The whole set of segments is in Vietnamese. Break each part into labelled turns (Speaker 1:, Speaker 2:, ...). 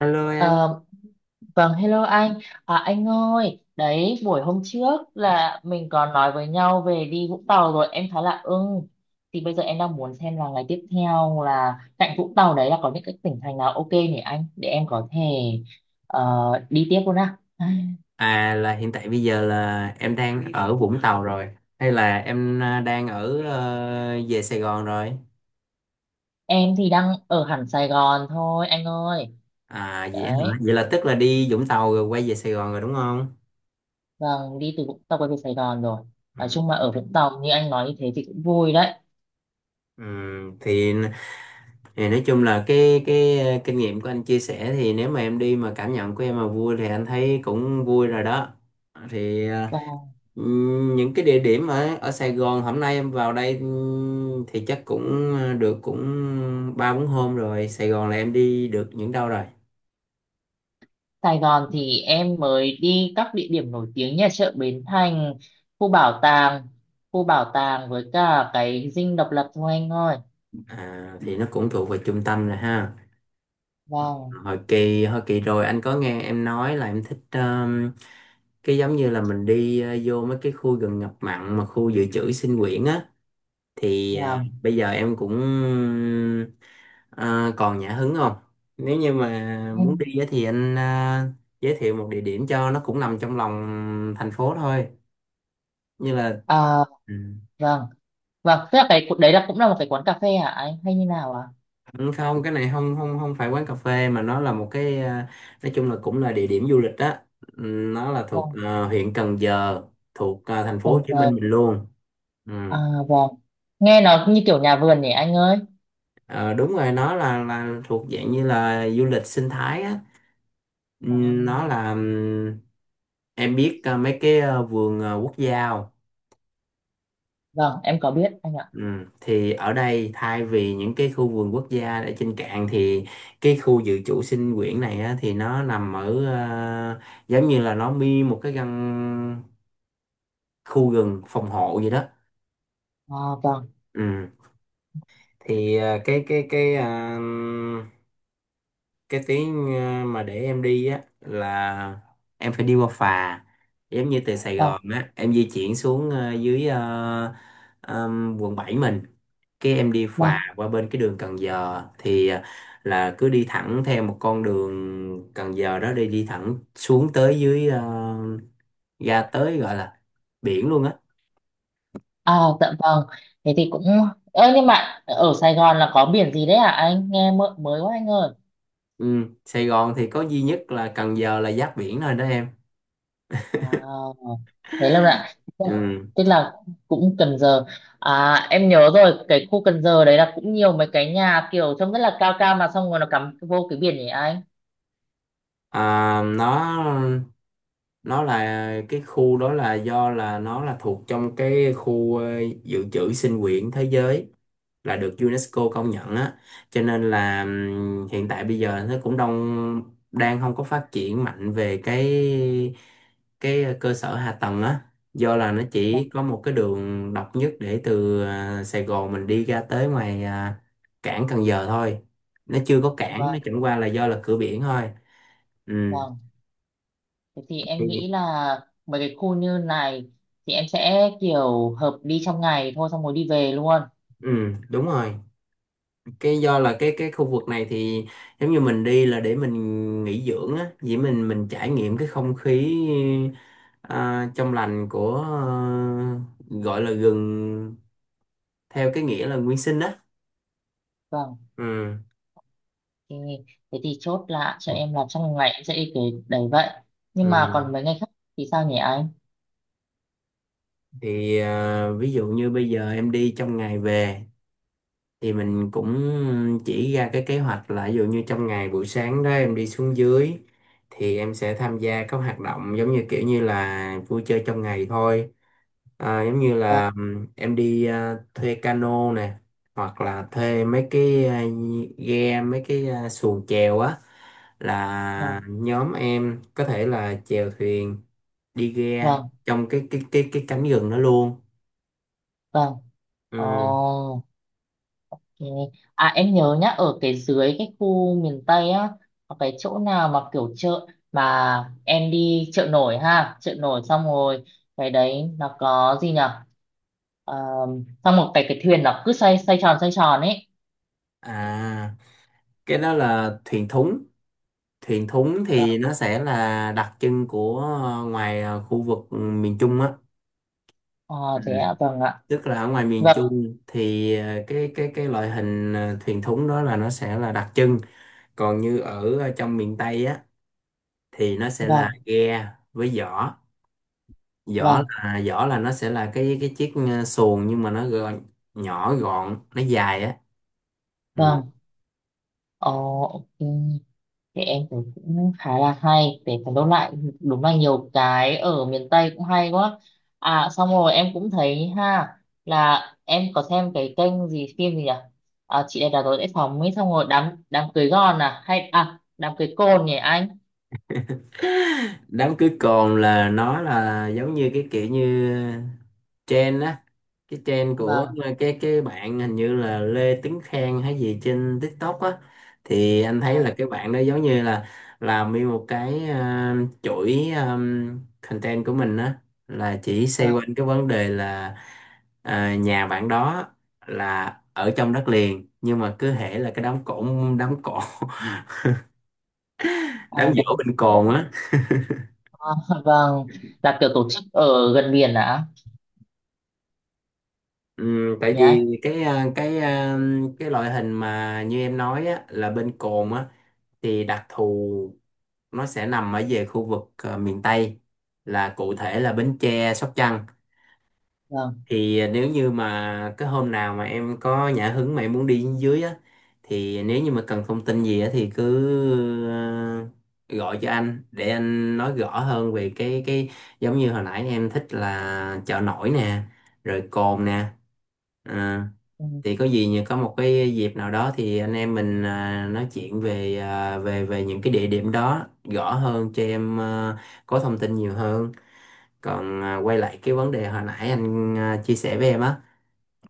Speaker 1: Hello em,
Speaker 2: Ờ, vâng, hello anh. À, anh ơi, đấy, buổi hôm trước là mình còn nói với nhau về đi Vũng Tàu rồi, em khá là ưng. Thì bây giờ em đang muốn xem là ngày tiếp theo là cạnh Vũng Tàu đấy là có những cái tỉnh thành nào ok nhỉ anh, để em có thể ờ, đi tiếp luôn á.
Speaker 1: là hiện tại bây giờ là em đang ở Vũng Tàu rồi hay là đang về Sài Gòn rồi?
Speaker 2: Em thì đang ở hẳn Sài Gòn thôi, anh ơi.
Speaker 1: À vậy hả?
Speaker 2: Đấy,
Speaker 1: Vậy là tức là đi Vũng Tàu rồi quay về Sài Gòn rồi đúng không?
Speaker 2: vâng, đi từ Vũng Tàu quay về Sài Gòn rồi. Nói
Speaker 1: Ừ.
Speaker 2: chung mà ở Vũng Tàu như anh nói như thế thì cũng vui đấy.
Speaker 1: Ừ. Thì, thì nói chung là cái kinh nghiệm của anh chia sẻ thì nếu mà em đi mà cảm nhận của em mà vui thì anh thấy cũng vui rồi đó. Thì ờ,
Speaker 2: Vâng.
Speaker 1: Những cái địa điểm ở ở Sài Gòn hôm nay em vào đây, thì chắc cũng được cũng ba bốn hôm rồi. Sài Gòn là em đi được những đâu rồi?
Speaker 2: Sài Gòn thì em mới đi các địa điểm nổi tiếng như là chợ Bến Thành, khu bảo tàng, khu bảo tàng với cả cái dinh độc lập thôi anh ơi.
Speaker 1: Thì nó cũng thuộc về trung tâm rồi ha.
Speaker 2: Vâng,
Speaker 1: Hồi kỳ rồi anh có nghe em nói là em thích cái giống như là mình đi vô mấy cái khu gần ngập mặn mà khu dự trữ sinh quyển á, thì
Speaker 2: vâng.
Speaker 1: bây giờ em cũng còn nhã hứng không? Nếu như mà muốn
Speaker 2: Em-
Speaker 1: đi á thì anh giới thiệu một địa điểm cho, nó cũng nằm trong lòng thành phố thôi, như là
Speaker 2: À,
Speaker 1: ừ.
Speaker 2: vâng, vâng. Tức là cái đấy là cũng là một cái quán cà phê hả anh hay như nào ạ?
Speaker 1: Ừ, không, cái này không không không phải quán cà phê, mà nó là một cái, nói chung là cũng là địa điểm du lịch đó. Ừ, nó là thuộc
Speaker 2: Vâng,
Speaker 1: à, huyện Cần Giờ, thuộc thành phố
Speaker 2: Cần
Speaker 1: Hồ Chí
Speaker 2: Giờ.
Speaker 1: Minh mình luôn. Ừ.
Speaker 2: À, vâng. Nghe nó như kiểu nhà vườn nhỉ anh ơi.
Speaker 1: Ờ, đúng rồi, nó là thuộc dạng như là du lịch sinh thái á. Nó
Speaker 2: Vâng,
Speaker 1: là em biết mấy cái vườn quốc gia không?
Speaker 2: vâng, em có biết anh ạ.
Speaker 1: Thì ở đây, thay vì những cái khu vườn quốc gia ở trên cạn, thì cái khu dự trữ sinh quyển này á, thì nó nằm ở giống như là nó mi một cái căn khu rừng phòng hộ gì đó.
Speaker 2: À, vâng,
Speaker 1: Ừm, thì cái tuyến mà để em đi á là em phải đi qua phà, giống như từ À, Sài
Speaker 2: vâng,
Speaker 1: Gòn á em di chuyển xuống dưới, quận 7 mình, cái em đi phà
Speaker 2: vâng.
Speaker 1: qua bên cái đường Cần Giờ thì là cứ đi thẳng theo một con đường Cần Giờ đó, đi đi thẳng xuống tới dưới, ra tới gọi là biển luôn á.
Speaker 2: Ờ, dạ vâng. Thế thì cũng... Ơ, nhưng mà ở Sài Gòn là có biển gì đấy à? Anh nghe mơ- mới quá anh ơi.
Speaker 1: Ừ. Sài Gòn thì có duy nhất là Cần Giờ là giáp biển thôi đó em.
Speaker 2: À, thế lâu ạ.
Speaker 1: Ừ.
Speaker 2: Tức là cũng Cần Giờ. À, em nhớ rồi, cái khu Cần Giờ đấy là cũng nhiều mấy cái nhà kiểu trông rất là cao cao mà xong rồi nó cắm vô cái biển nhỉ anh?
Speaker 1: à, nó nó là cái khu đó là do là nó là thuộc trong cái khu dự trữ sinh quyển thế giới, là được UNESCO công nhận á, cho nên là hiện tại bây giờ nó cũng đông, đang không có phát triển mạnh về cái cơ sở hạ tầng á, do là nó
Speaker 2: Vâng,
Speaker 1: chỉ có một cái đường độc nhất để từ Sài Gòn mình đi ra tới ngoài cảng Cần Giờ thôi, nó chưa có
Speaker 2: dạ
Speaker 1: cảng,
Speaker 2: vâng,
Speaker 1: nó chẳng qua là do là cửa biển thôi. ừ,
Speaker 2: vâng. Thế thì em nghĩ
Speaker 1: thì-
Speaker 2: là mấy cái khu như này thì em sẽ kiểu hợp đi trong ngày thôi xong rồi đi về luôn.
Speaker 1: ừ, đúng rồi, cái do là cái khu vực này thì giống như mình đi là để mình nghỉ dưỡng á, vậy mình trải nghiệm cái không khí trong lành của gọi là rừng theo cái nghĩa là nguyên sinh đó.
Speaker 2: Vâng.
Speaker 1: Ừ.
Speaker 2: Ok, thế thì chốt là cho em làm trong ngày em sẽ đi kể đấy vậy. Nhưng mà
Speaker 1: Ừ.
Speaker 2: còn mấy ngày khác thì sao nhỉ anh?
Speaker 1: Ví dụ như bây giờ em đi trong ngày về thì mình cũng chỉ ra cái kế hoạch là ví dụ như trong ngày buổi sáng đó em đi xuống dưới thì em sẽ tham gia các hoạt động giống như kiểu như là vui chơi trong ngày thôi. Giống như
Speaker 2: Vâng,
Speaker 1: là em đi thuê cano nè, hoặc là thuê mấy cái ghe, mấy cái xuồng chèo á,
Speaker 2: vâng,
Speaker 1: là nhóm em có thể là chèo thuyền, đi ghe
Speaker 2: vâng,
Speaker 1: trong cái cánh rừng đó luôn.
Speaker 2: vâng.
Speaker 1: Ừ.
Speaker 2: Ồ, ok. À em nhớ nhá, ở cái dưới cái khu miền Tây á, có cái chỗ nào mà kiểu chợ mà em đi chợ nổi ha, chợ nổi xong rồi cái đấy nó có gì nhở? Ờ, xong một cái thuyền nó cứ xoay xoay tròn ấy.
Speaker 1: à cái đó là thuyền thúng. Thuyền thúng
Speaker 2: Vâng,
Speaker 1: thì nó sẽ là đặc trưng của ngoài khu vực miền Trung á. Ừ.
Speaker 2: ờ, thế ạ, vâng ạ.
Speaker 1: Tức là ở ngoài miền
Speaker 2: Vâng,
Speaker 1: Trung thì ờ, cái loại hình thuyền thúng đó là nó sẽ là đặc trưng, còn như ở trong miền Tây á thì nó sẽ là
Speaker 2: vâng,
Speaker 1: ghe với giỏ. giỏ
Speaker 2: vâng,
Speaker 1: là giỏ là nó sẽ là cái chiếc xuồng nhưng mà nó gọn, nhỏ gọn, nó dài á. Ừ.
Speaker 2: vâng. Ồ, ok. Thì em thấy cũng khá là hay để phải đôn lại, đúng là nhiều cái ở miền Tây cũng hay quá. À xong rồi em cũng thấy ha, là em có xem cái kênh gì phim gì nhỉ, à, chị đẹp đã tối sẽ phòng ấy xong rồi đám đám cưới gòn à hay à đám cưới côn nhỉ anh.
Speaker 1: Đám cưới cồn là nó là giống như cái kiểu như trend á, cái trend của
Speaker 2: Vâng.
Speaker 1: cái bạn hình như là Lê Tuấn Khang hay gì trên TikTok á. Thì anh thấy
Speaker 2: À,
Speaker 1: là cái bạn đó giống như là làm nguyên một cái chuỗi content của mình á, là chỉ xoay
Speaker 2: vâng,
Speaker 1: quanh cái vấn đề là ờ, nhà bạn đó là ở trong đất liền nhưng mà cứ hễ là cái đám cỗ, đám cỗ
Speaker 2: à,
Speaker 1: đám
Speaker 2: đám
Speaker 1: giỗ bên
Speaker 2: cỗ.
Speaker 1: cồn á.
Speaker 2: À, vâng, là kiểu tổ chức ở gần biển à
Speaker 1: Ừ, tại
Speaker 2: nhỉ anh.
Speaker 1: vì cái loại hình mà như em nói á, là bên cồn á, thì đặc thù nó sẽ nằm ở về khu vực miền Tây, là cụ thể là Bến Tre, Sóc Trăng.
Speaker 2: Vâng,
Speaker 1: Thì nếu như mà cái hôm nào mà em có nhã hứng mà em muốn đi dưới á, thì nếu như mà cần thông tin gì á thì cứ gọi cho anh để anh nói rõ hơn về cái giống như hồi nãy em thích là chợ nổi nè, rồi cồn nè. Ờ,
Speaker 2: ừ,
Speaker 1: thì có gì như có một cái dịp nào đó thì anh em mình nói chuyện về à, về về những cái địa điểm đó rõ hơn cho em, có thông tin nhiều hơn. Còn quay lại cái vấn đề hồi nãy anh chia sẻ với em á,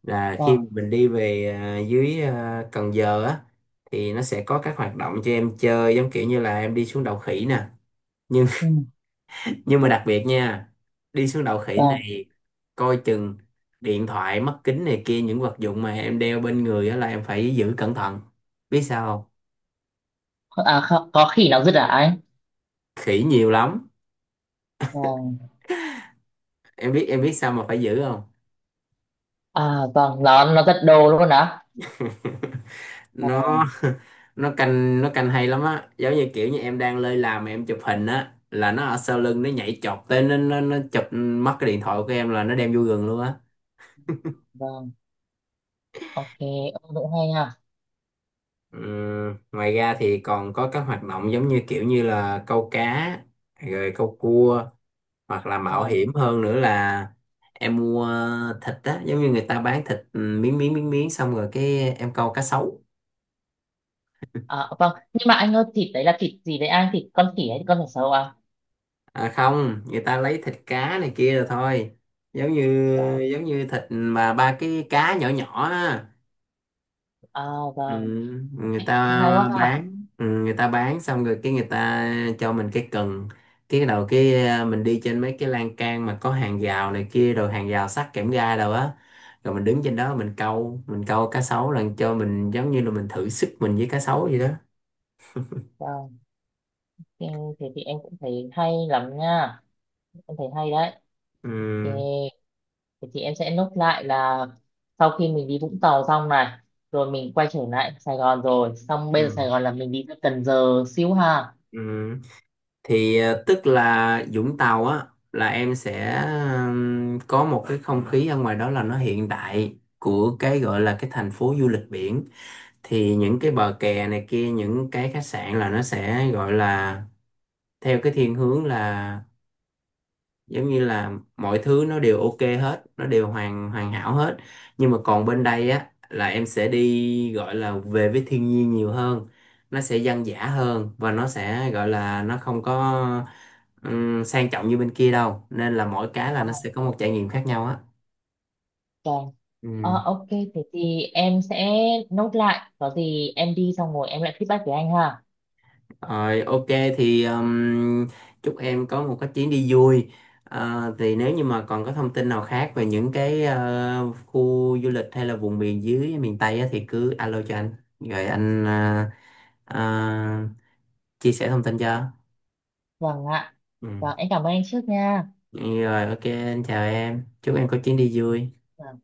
Speaker 1: là khi
Speaker 2: vâng,
Speaker 1: mình đi về dưới Cần Giờ á, thì nó sẽ có các hoạt động cho em chơi giống kiểu như là em đi xuống đầu khỉ nè, nhưng
Speaker 2: ừ,
Speaker 1: nhưng mà đặc biệt nha, đi xuống đầu khỉ Ừ.
Speaker 2: vâng.
Speaker 1: này, coi chừng điện thoại, mắt kính này kia, những vật dụng mà em đeo bên người á là em phải giữ cẩn thận, biết sao không?
Speaker 2: À, kho- có khỉ nào dứt à anh?
Speaker 1: Khỉ nhiều lắm.
Speaker 2: Vâng.
Speaker 1: Em biết em biết sao mà phải giữ không?
Speaker 2: À vâng, nó rất đồ luôn á.
Speaker 1: Nó
Speaker 2: Vâng,
Speaker 1: nó canh, nó canh hay lắm á, giống như kiểu như em đang lơi làm mà em chụp hình á, là nó ở sau lưng nó nhảy chọt tới nó chụp mất cái điện thoại của em là nó đem vô rừng luôn á.
Speaker 2: vâng. Ok, ông cũng hay ha.
Speaker 1: Ngoài ra thì còn có các hoạt động giống như kiểu như là câu cá, rồi câu cua, hoặc là mạo
Speaker 2: Vâng.
Speaker 1: hiểm hơn nữa là em mua thịt á, giống như người ta bán thịt ừ, miếng miếng miếng miếng xong rồi cái em câu cá sấu.
Speaker 2: À, vâng, nhưng mà anh ơi thịt đấy là thịt gì đấy anh? Thịt con khỉ hay con thịt sầu à?
Speaker 1: À không, người ta lấy thịt cá này kia rồi thôi, giống như
Speaker 2: Vâng.
Speaker 1: giống như thịt mà ba cái cá nhỏ nhỏ á.
Speaker 2: À
Speaker 1: Ừ,
Speaker 2: vâng, ok
Speaker 1: người
Speaker 2: cũng hay
Speaker 1: ta
Speaker 2: quá ha.
Speaker 1: bán ừ, người ta bán xong rồi cái người ta cho mình cái cần, cái bắt đầu cái mình đi trên mấy cái lan can mà có hàng rào này kia rồi hàng rào sắt kẽm gai đâu á, rồi mình đứng trên đó mình câu, mình câu cá sấu, là cho mình giống như là mình thử sức mình với cá sấu vậy đó.
Speaker 2: Vâng, thì thế thì em cũng thấy hay lắm nha. Em thấy hay đấy.
Speaker 1: ừ,
Speaker 2: Ok, thế thì em sẽ nốt lại là sau khi mình đi Vũng Tàu xong này, rồi mình quay trở lại Sài Gòn rồi, xong
Speaker 1: ừ,
Speaker 2: bây giờ Sài Gòn là mình đi ra Cần Giờ xíu ha.
Speaker 1: ừ. Tức là Vũng Tàu á là em sẽ có một cái không khí ở ngoài đó là nó hiện đại của cái gọi là cái thành phố du lịch biển. Thì những cái bờ kè này kia, những cái khách sạn là nó sẽ gọi là theo cái thiên hướng là giống như là mọi thứ nó đều ok hết, nó đều hoàn hoàn hảo hết, nhưng mà còn bên đây á là em sẽ đi gọi là về với thiên nhiên nhiều hơn, nó sẽ dân dã hơn và nó sẽ gọi là nó không có sang trọng như bên kia đâu, nên là mỗi cái là nó sẽ có một trải nghiệm khác nhau á.
Speaker 2: Vâng.
Speaker 1: Ừ.
Speaker 2: Ờ, ok, thế thì em sẽ nốt lại. Có gì em đi xong rồi em lại feedback với anh ha.
Speaker 1: Rồi, ok, thì chúc em có một cái chuyến đi vui. Ờ, thì nếu như mà còn có thông tin nào khác về những cái khu du lịch hay là vùng miền dưới miền Tây á, thì cứ alo cho anh rồi anh ờ, chia sẻ thông tin cho.
Speaker 2: Vâng ạ.
Speaker 1: Ừ.
Speaker 2: Vâng, em cảm ơn anh trước nha.
Speaker 1: Rồi, ok, anh chào em. Chúc em có chuyến đi vui.
Speaker 2: Vâng,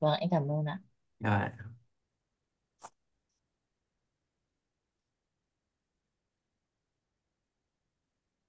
Speaker 2: vâng, em cảm ơn ạ.
Speaker 1: Rồi.